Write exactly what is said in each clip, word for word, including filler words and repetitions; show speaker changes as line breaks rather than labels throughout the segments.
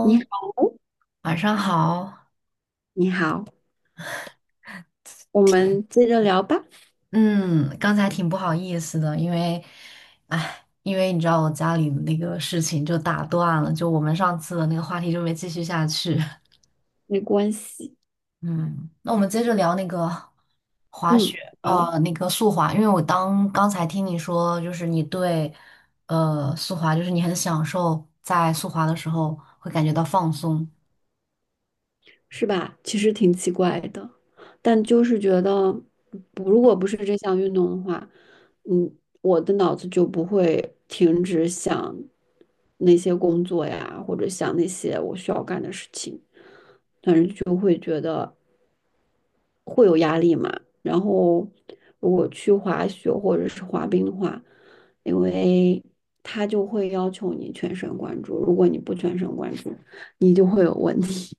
你 好哦，
晚上好。
你好，我们接着聊吧，
嗯，刚才挺不好意思的，因为，哎，因为你知道我家里的那个事情就打断了，就我们上次的那个话题就没继续下去。
没关系。
嗯，那我们接着聊那个滑雪，
嗯，好，
呃，那个速滑，因为我当刚才听你说，就是你对，呃，速滑，就是你很享受在速滑的时候会感觉到放松，
是吧？其实挺奇怪的，但就是觉得，不如果不是这项运动的话，嗯，我的脑子就不会停止想那些工作呀，或者想那些我需要干的事情。但是就会觉得会有压力嘛。然后如果去滑雪或者是滑冰的话，因为他就会要求你全神贯注，如果你不全神贯注，你就会有问题。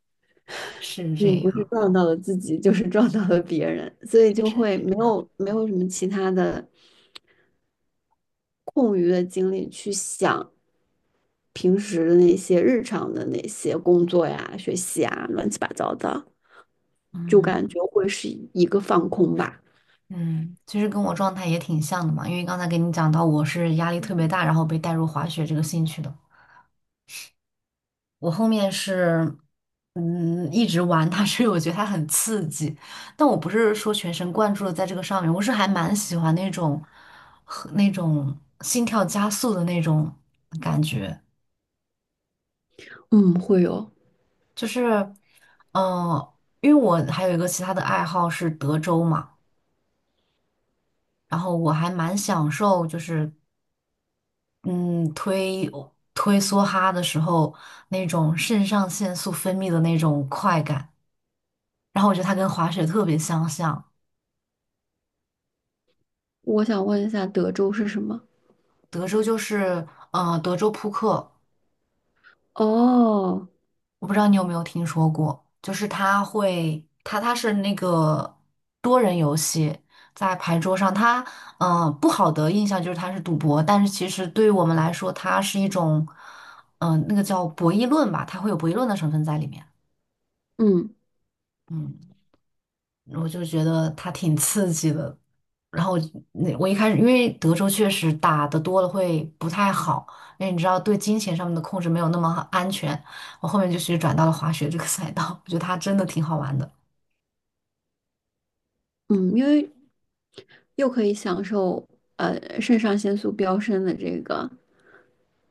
是这
你不是
样，
撞到了自己，就是撞到了别人，所以就
是
会
这
没
样。
有没有什么其他的空余的精力去想平时的那些日常的那些工作呀、学习啊、乱七八糟的。就
嗯。
感觉会是一个放空吧。
嗯，其实跟我状态也挺像的嘛，因为刚才给你讲到我是压力特别大，然后被带入滑雪这个兴趣的。我后面是，嗯，一直玩它，所以我觉得它很刺激，但我不是说全神贯注的在这个上面，我是还蛮喜欢那种和那种心跳加速的那种感觉，
嗯，会有。
就是，嗯、因为我还有一个其他的爱好是德州嘛，然后我还蛮享受就是嗯，推推梭哈的时候，那种肾上腺素分泌的那种快感，然后我觉得它跟滑雪特别相像。
我想问一下，德州是什么？
德州就是，呃，德州扑克，
哦，
我不知道你有没有听说过，就是它会，它它是那个多人游戏，在牌桌上，它，嗯、呃，不好的印象就是它是赌博，但是其实对于我们来说，它是一种，嗯、那个叫博弈论吧，它会有博弈论的成分在里面。
嗯
嗯。我就觉得它挺刺激的。然后那我一开始，因为德州确实打的多了会不太好，因为你知道对金钱上面的控制没有那么安全。我后面就是转到了滑雪这个赛道，我觉得它真的挺好玩的，
嗯，因为又可以享受呃肾上腺素飙升的这个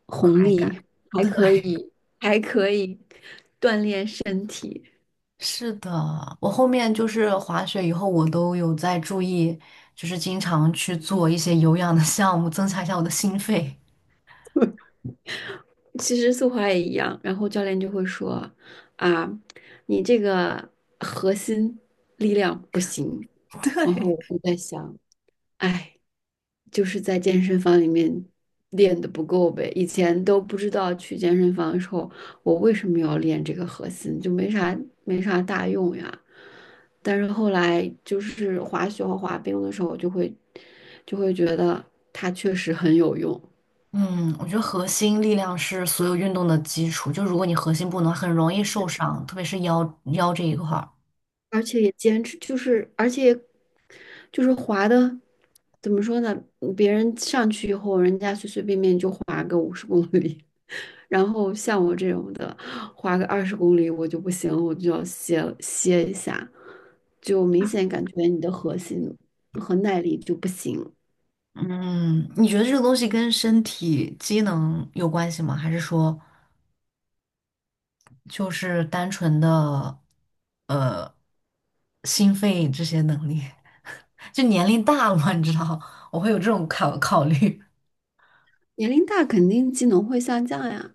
红
快感。
利，还
对，
可以还可以锻炼身体。
是的，我后面就是滑雪以后，我都有在注意，就是经常去做一些有氧的项目，增强一下我的心肺。
其实速滑也一样，然后教练就会说啊，你这个核心力量不行。
对。
然后我就在想，哎。就是在健身房里面练的不够呗。以前都不知道去健身房的时候，我为什么要练这个核心，就没啥没啥大用呀。但是后来就是滑雪和滑冰的时候，我就会就会觉得它确实很有用，
嗯，我觉得核心力量是所有运动的基础。就如果你核心不能，很容易受伤，特别是腰腰这一块儿。
而且也坚持，就是而且就是滑的。怎么说呢？别人上去以后，人家随随便便就滑个五十公里，然后像我这种的，花个二十公里我就不行，我就要歇歇一下，就明显感觉你的核心和耐力就不行。
嗯，你觉得这个东西跟身体机能有关系吗？还是说就是单纯的呃心肺这些能力？就年龄大了嘛，你知道，我会有这种考考虑。
年龄大肯定技能会下降呀，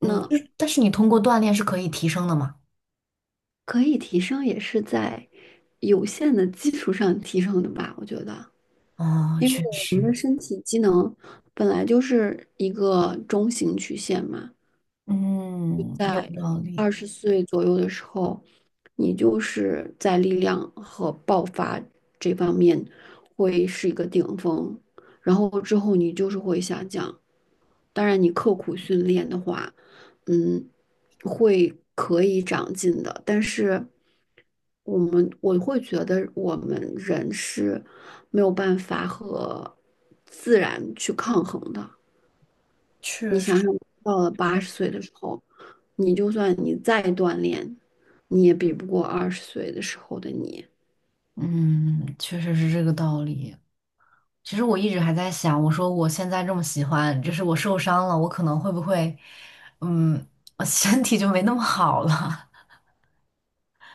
那
但是你通过锻炼是可以提升的嘛？
可以提升也是在有限的基础上提升的吧，我觉得，
哦，
因为
确实，
呢，本来就是一个中型曲线嘛，
嗯，有
在
道理。
二十岁左右的时候，你就是在力量和爆发这方面会是一个顶峰，然后之后你就是会下降。当然，你刻苦训练的话，嗯，会可以长进的。但是，我们我会觉得我们人是没有办法和自然去抗衡的。你
确
想
实。
想，到了八十岁的时候，你就算你再锻炼，你也比不过二十岁的时候的你。
嗯，确实是这个道理。其实我一直还在想，我说我现在这么喜欢，就是我受伤了，我可能会不会，嗯，我身体就没那么好了。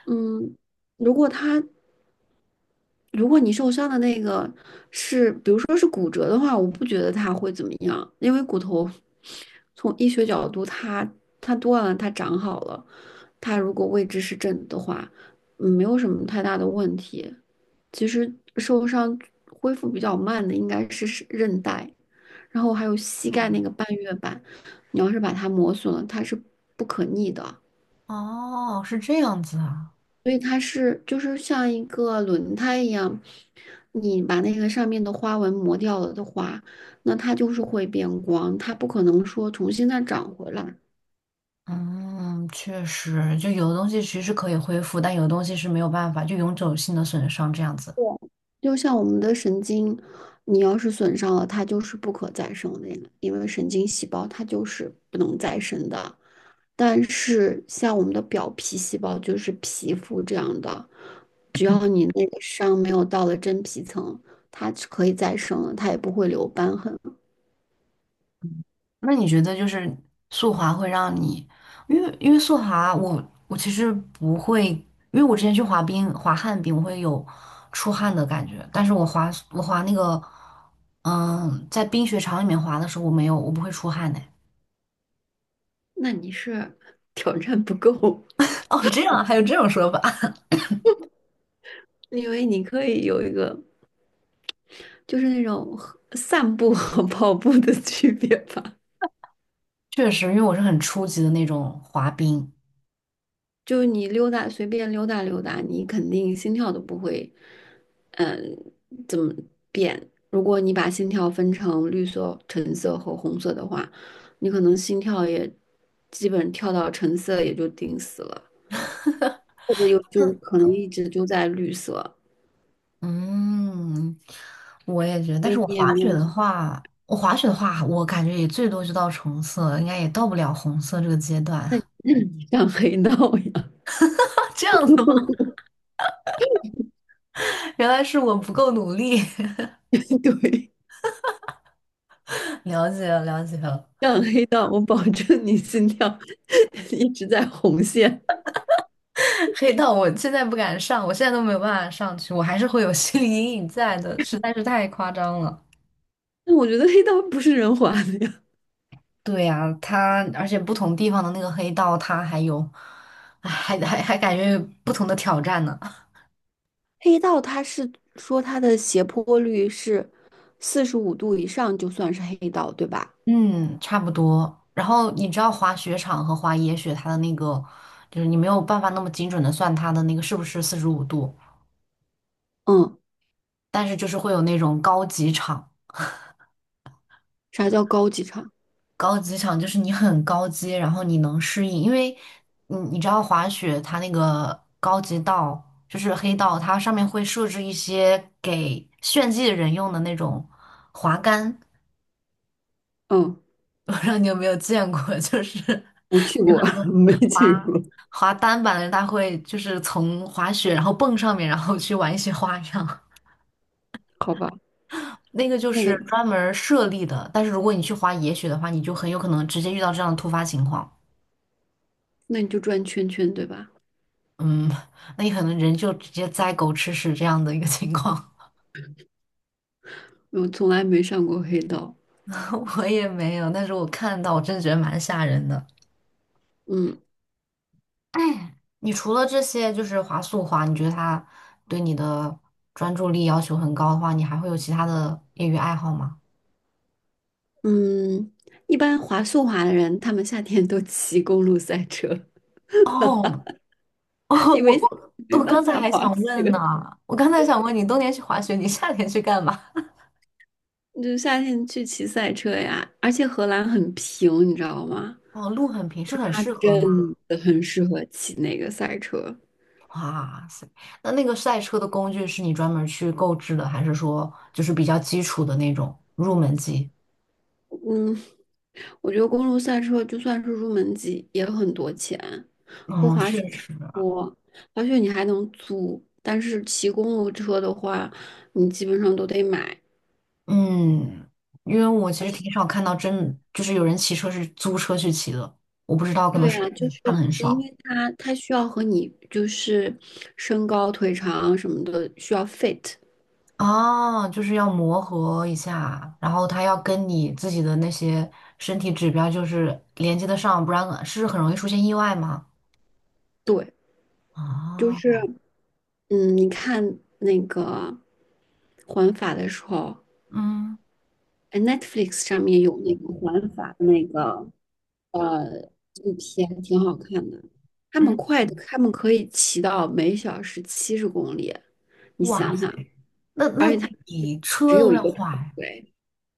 嗯，如果他，如果你受伤的那个是，比如说是骨折的话，我不觉得他会怎么样，因为骨头从医学角度它，它断了，它长好了，它如果位置是正的的话，嗯没有什么太大的问题。其实受伤恢复比较慢的应该是是韧带。然后还有膝 盖那
嗯，
个半月板，你要是把它磨损了，它是不可逆的，
哦，是这样子啊。
所以它是就是像一个轮胎一样，你把那个上面的花纹磨掉了的话，那它就是会变光，它不可能说重新再长回来。
嗯，确实，就有的东西其实是可以恢复，但有的东西是没有办法，就永久性的损伤这样子。
就像我们的神经，你要是损伤了，它就是不可再生的呀，因为神经细胞它就是不能再生的。但是像我们的表皮细胞，就是皮肤这样的。只要你那个伤没有到了真皮层，它是可以再生的，它也不会留瘢痕。
那你觉得就是速滑会让你，因为因为速滑我我其实不会，因为我之前去滑冰滑旱冰，我会有出汗的感觉，但是我滑我滑那个，嗯，在冰雪场里面滑的时候，我没有，我不会出汗的。
那你是挑战不够，
哦，这样啊还有这种说法？
因为你可以有一个就是那种和散步和跑步的区别吧，
确实，因为我是很初级的那种滑冰。
就是你溜达随便溜达溜达，你肯定心跳都不会，嗯，怎么变？如果你把心跳分成绿色、橙色和红色的话，你可能心跳也基本跳到橙色也就顶死了。或者有就可能一直就在绿色，
嗯，我也觉得，
所
但
以
是我
你也
滑
没
雪
有
的
什么
话，我滑雪的话，我感觉也最多就到橙色，应该也到不了红色这个阶段。
那那你上黑道呀？
这样子 原来是我不够努力，
对，
了解了，了解了。
上黑道，我保证你心跳 一直在红线。
黑道我现在不敢上，我现在都没有办法上去，我还是会有心理阴影在的，实在是太夸张了。
那我觉得黑道不是人滑的呀。
对呀，他而且不同地方的那个黑道，他还有，哎，还还还感觉有不同的挑战呢。
黑道它是说它的斜坡率是四十五度以上就算是黑道，对吧？
嗯，差不多。然后你知道滑雪场和滑野雪，它的那个就是你没有办法那么精准的算它的那个是不是四十五度，
嗯，
但是就是会有那种高级场。
啥叫高级场？
高级场就是你很高阶，然后你能适应，因为你你知道滑雪它那个高级道就是黑道，它上面会设置一些给炫技的人用的那种滑杆，
嗯，
我不知道你有没有见过，就是
没去
有
过，
很 多
没
滑
去过。
滑单板的人，他会就是从滑雪然后蹦上面，然后去玩一些花样。
好吧，
那个就
那
是
个，
专门儿设立的，但是如果你去滑野雪的话，你就很有可能直接遇到这样的突发情况。
那你就转圈圈，对吧？
嗯，那你可能人就直接栽狗吃屎这样的一个情况，
我从来没上过黑道。
我也没有，但是我看到我真的觉得蛮吓人的。
嗯
哎你除了这些就是滑速滑，你觉得它对你的专注力要求很高的话，你还会有其他的业余爱好吗？
嗯，一般滑速滑的人，他们夏天都骑公路赛车，
哦，哦，我
因为
我
没
我
办
刚才
法
还
滑
想问呢，
雪，
我刚才想问你，冬天去滑雪，你夏天去干嘛？
你就夏天去骑赛车呀。而且荷兰很平，你知道吗？
哦，路很平，是很
它
适合吗？
真的很适合骑那个赛车。
哇塞，那那个赛车的工具是你专门儿去购置的，还是说就是比较基础的那种入门级？
嗯，我觉得公路赛车就算是入门级也很多钱，和
嗯，
滑
是，
雪差不多。滑雪你还能租，但是骑公路车的话，你基本上都得买。
嗯，因为我其实挺少看到真就是有人骑车是租车去骑的，我不知道，可能
对
是
啊，就是
看的很
因
少
为它它需要和你就是身高腿长什么的需要 fit，
啊，就是要磨合一下，然后它要跟你自己的那些身体指标就是连接得上，不然是很容易出现意外吗？
对，就
啊，
是嗯，你看那个环法的时候，
嗯
哎，Netflix 上面有那个环法的那个呃纪录片，挺好看的。他们
嗯，
快，他们可以骑到每小时七十公里，你
哇。
想想，
那那
而且他
你
只
车
有
都
一
要
个头
坏
盔。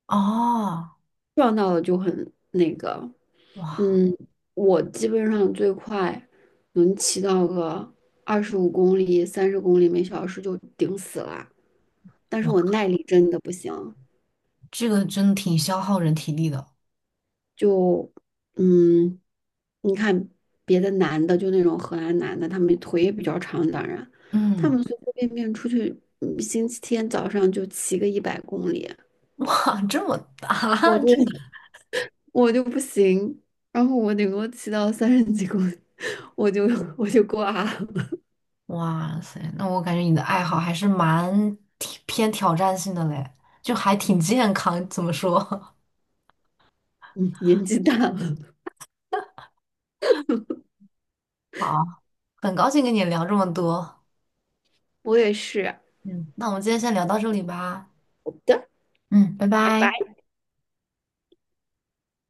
哦，
撞到了就很那个，
哇
嗯，我基本上最快能骑到个二十五公里、三十公里每小时就顶死了，但是
哇，
我耐力真的不行，
这个真的挺消耗人体力的。
就嗯，你看别的男的，就那种荷兰男的，他们腿也比较长，当然，他
嗯，
们随随便便出去，嗯星期天早上就骑个一百公里，
哇，这么大，
我 就
这个
我就不行，然后我顶多骑到三十几公里，我就我就挂了，
哇塞，那我感觉你的爱好还是蛮挺偏挑战性的嘞，就还挺健康，怎么说？
嗯，年纪大了。
好，很高兴跟你聊这么多。
我也是。
嗯，那我们今天先聊到这里吧。
好的，
嗯，拜
拜拜。
拜。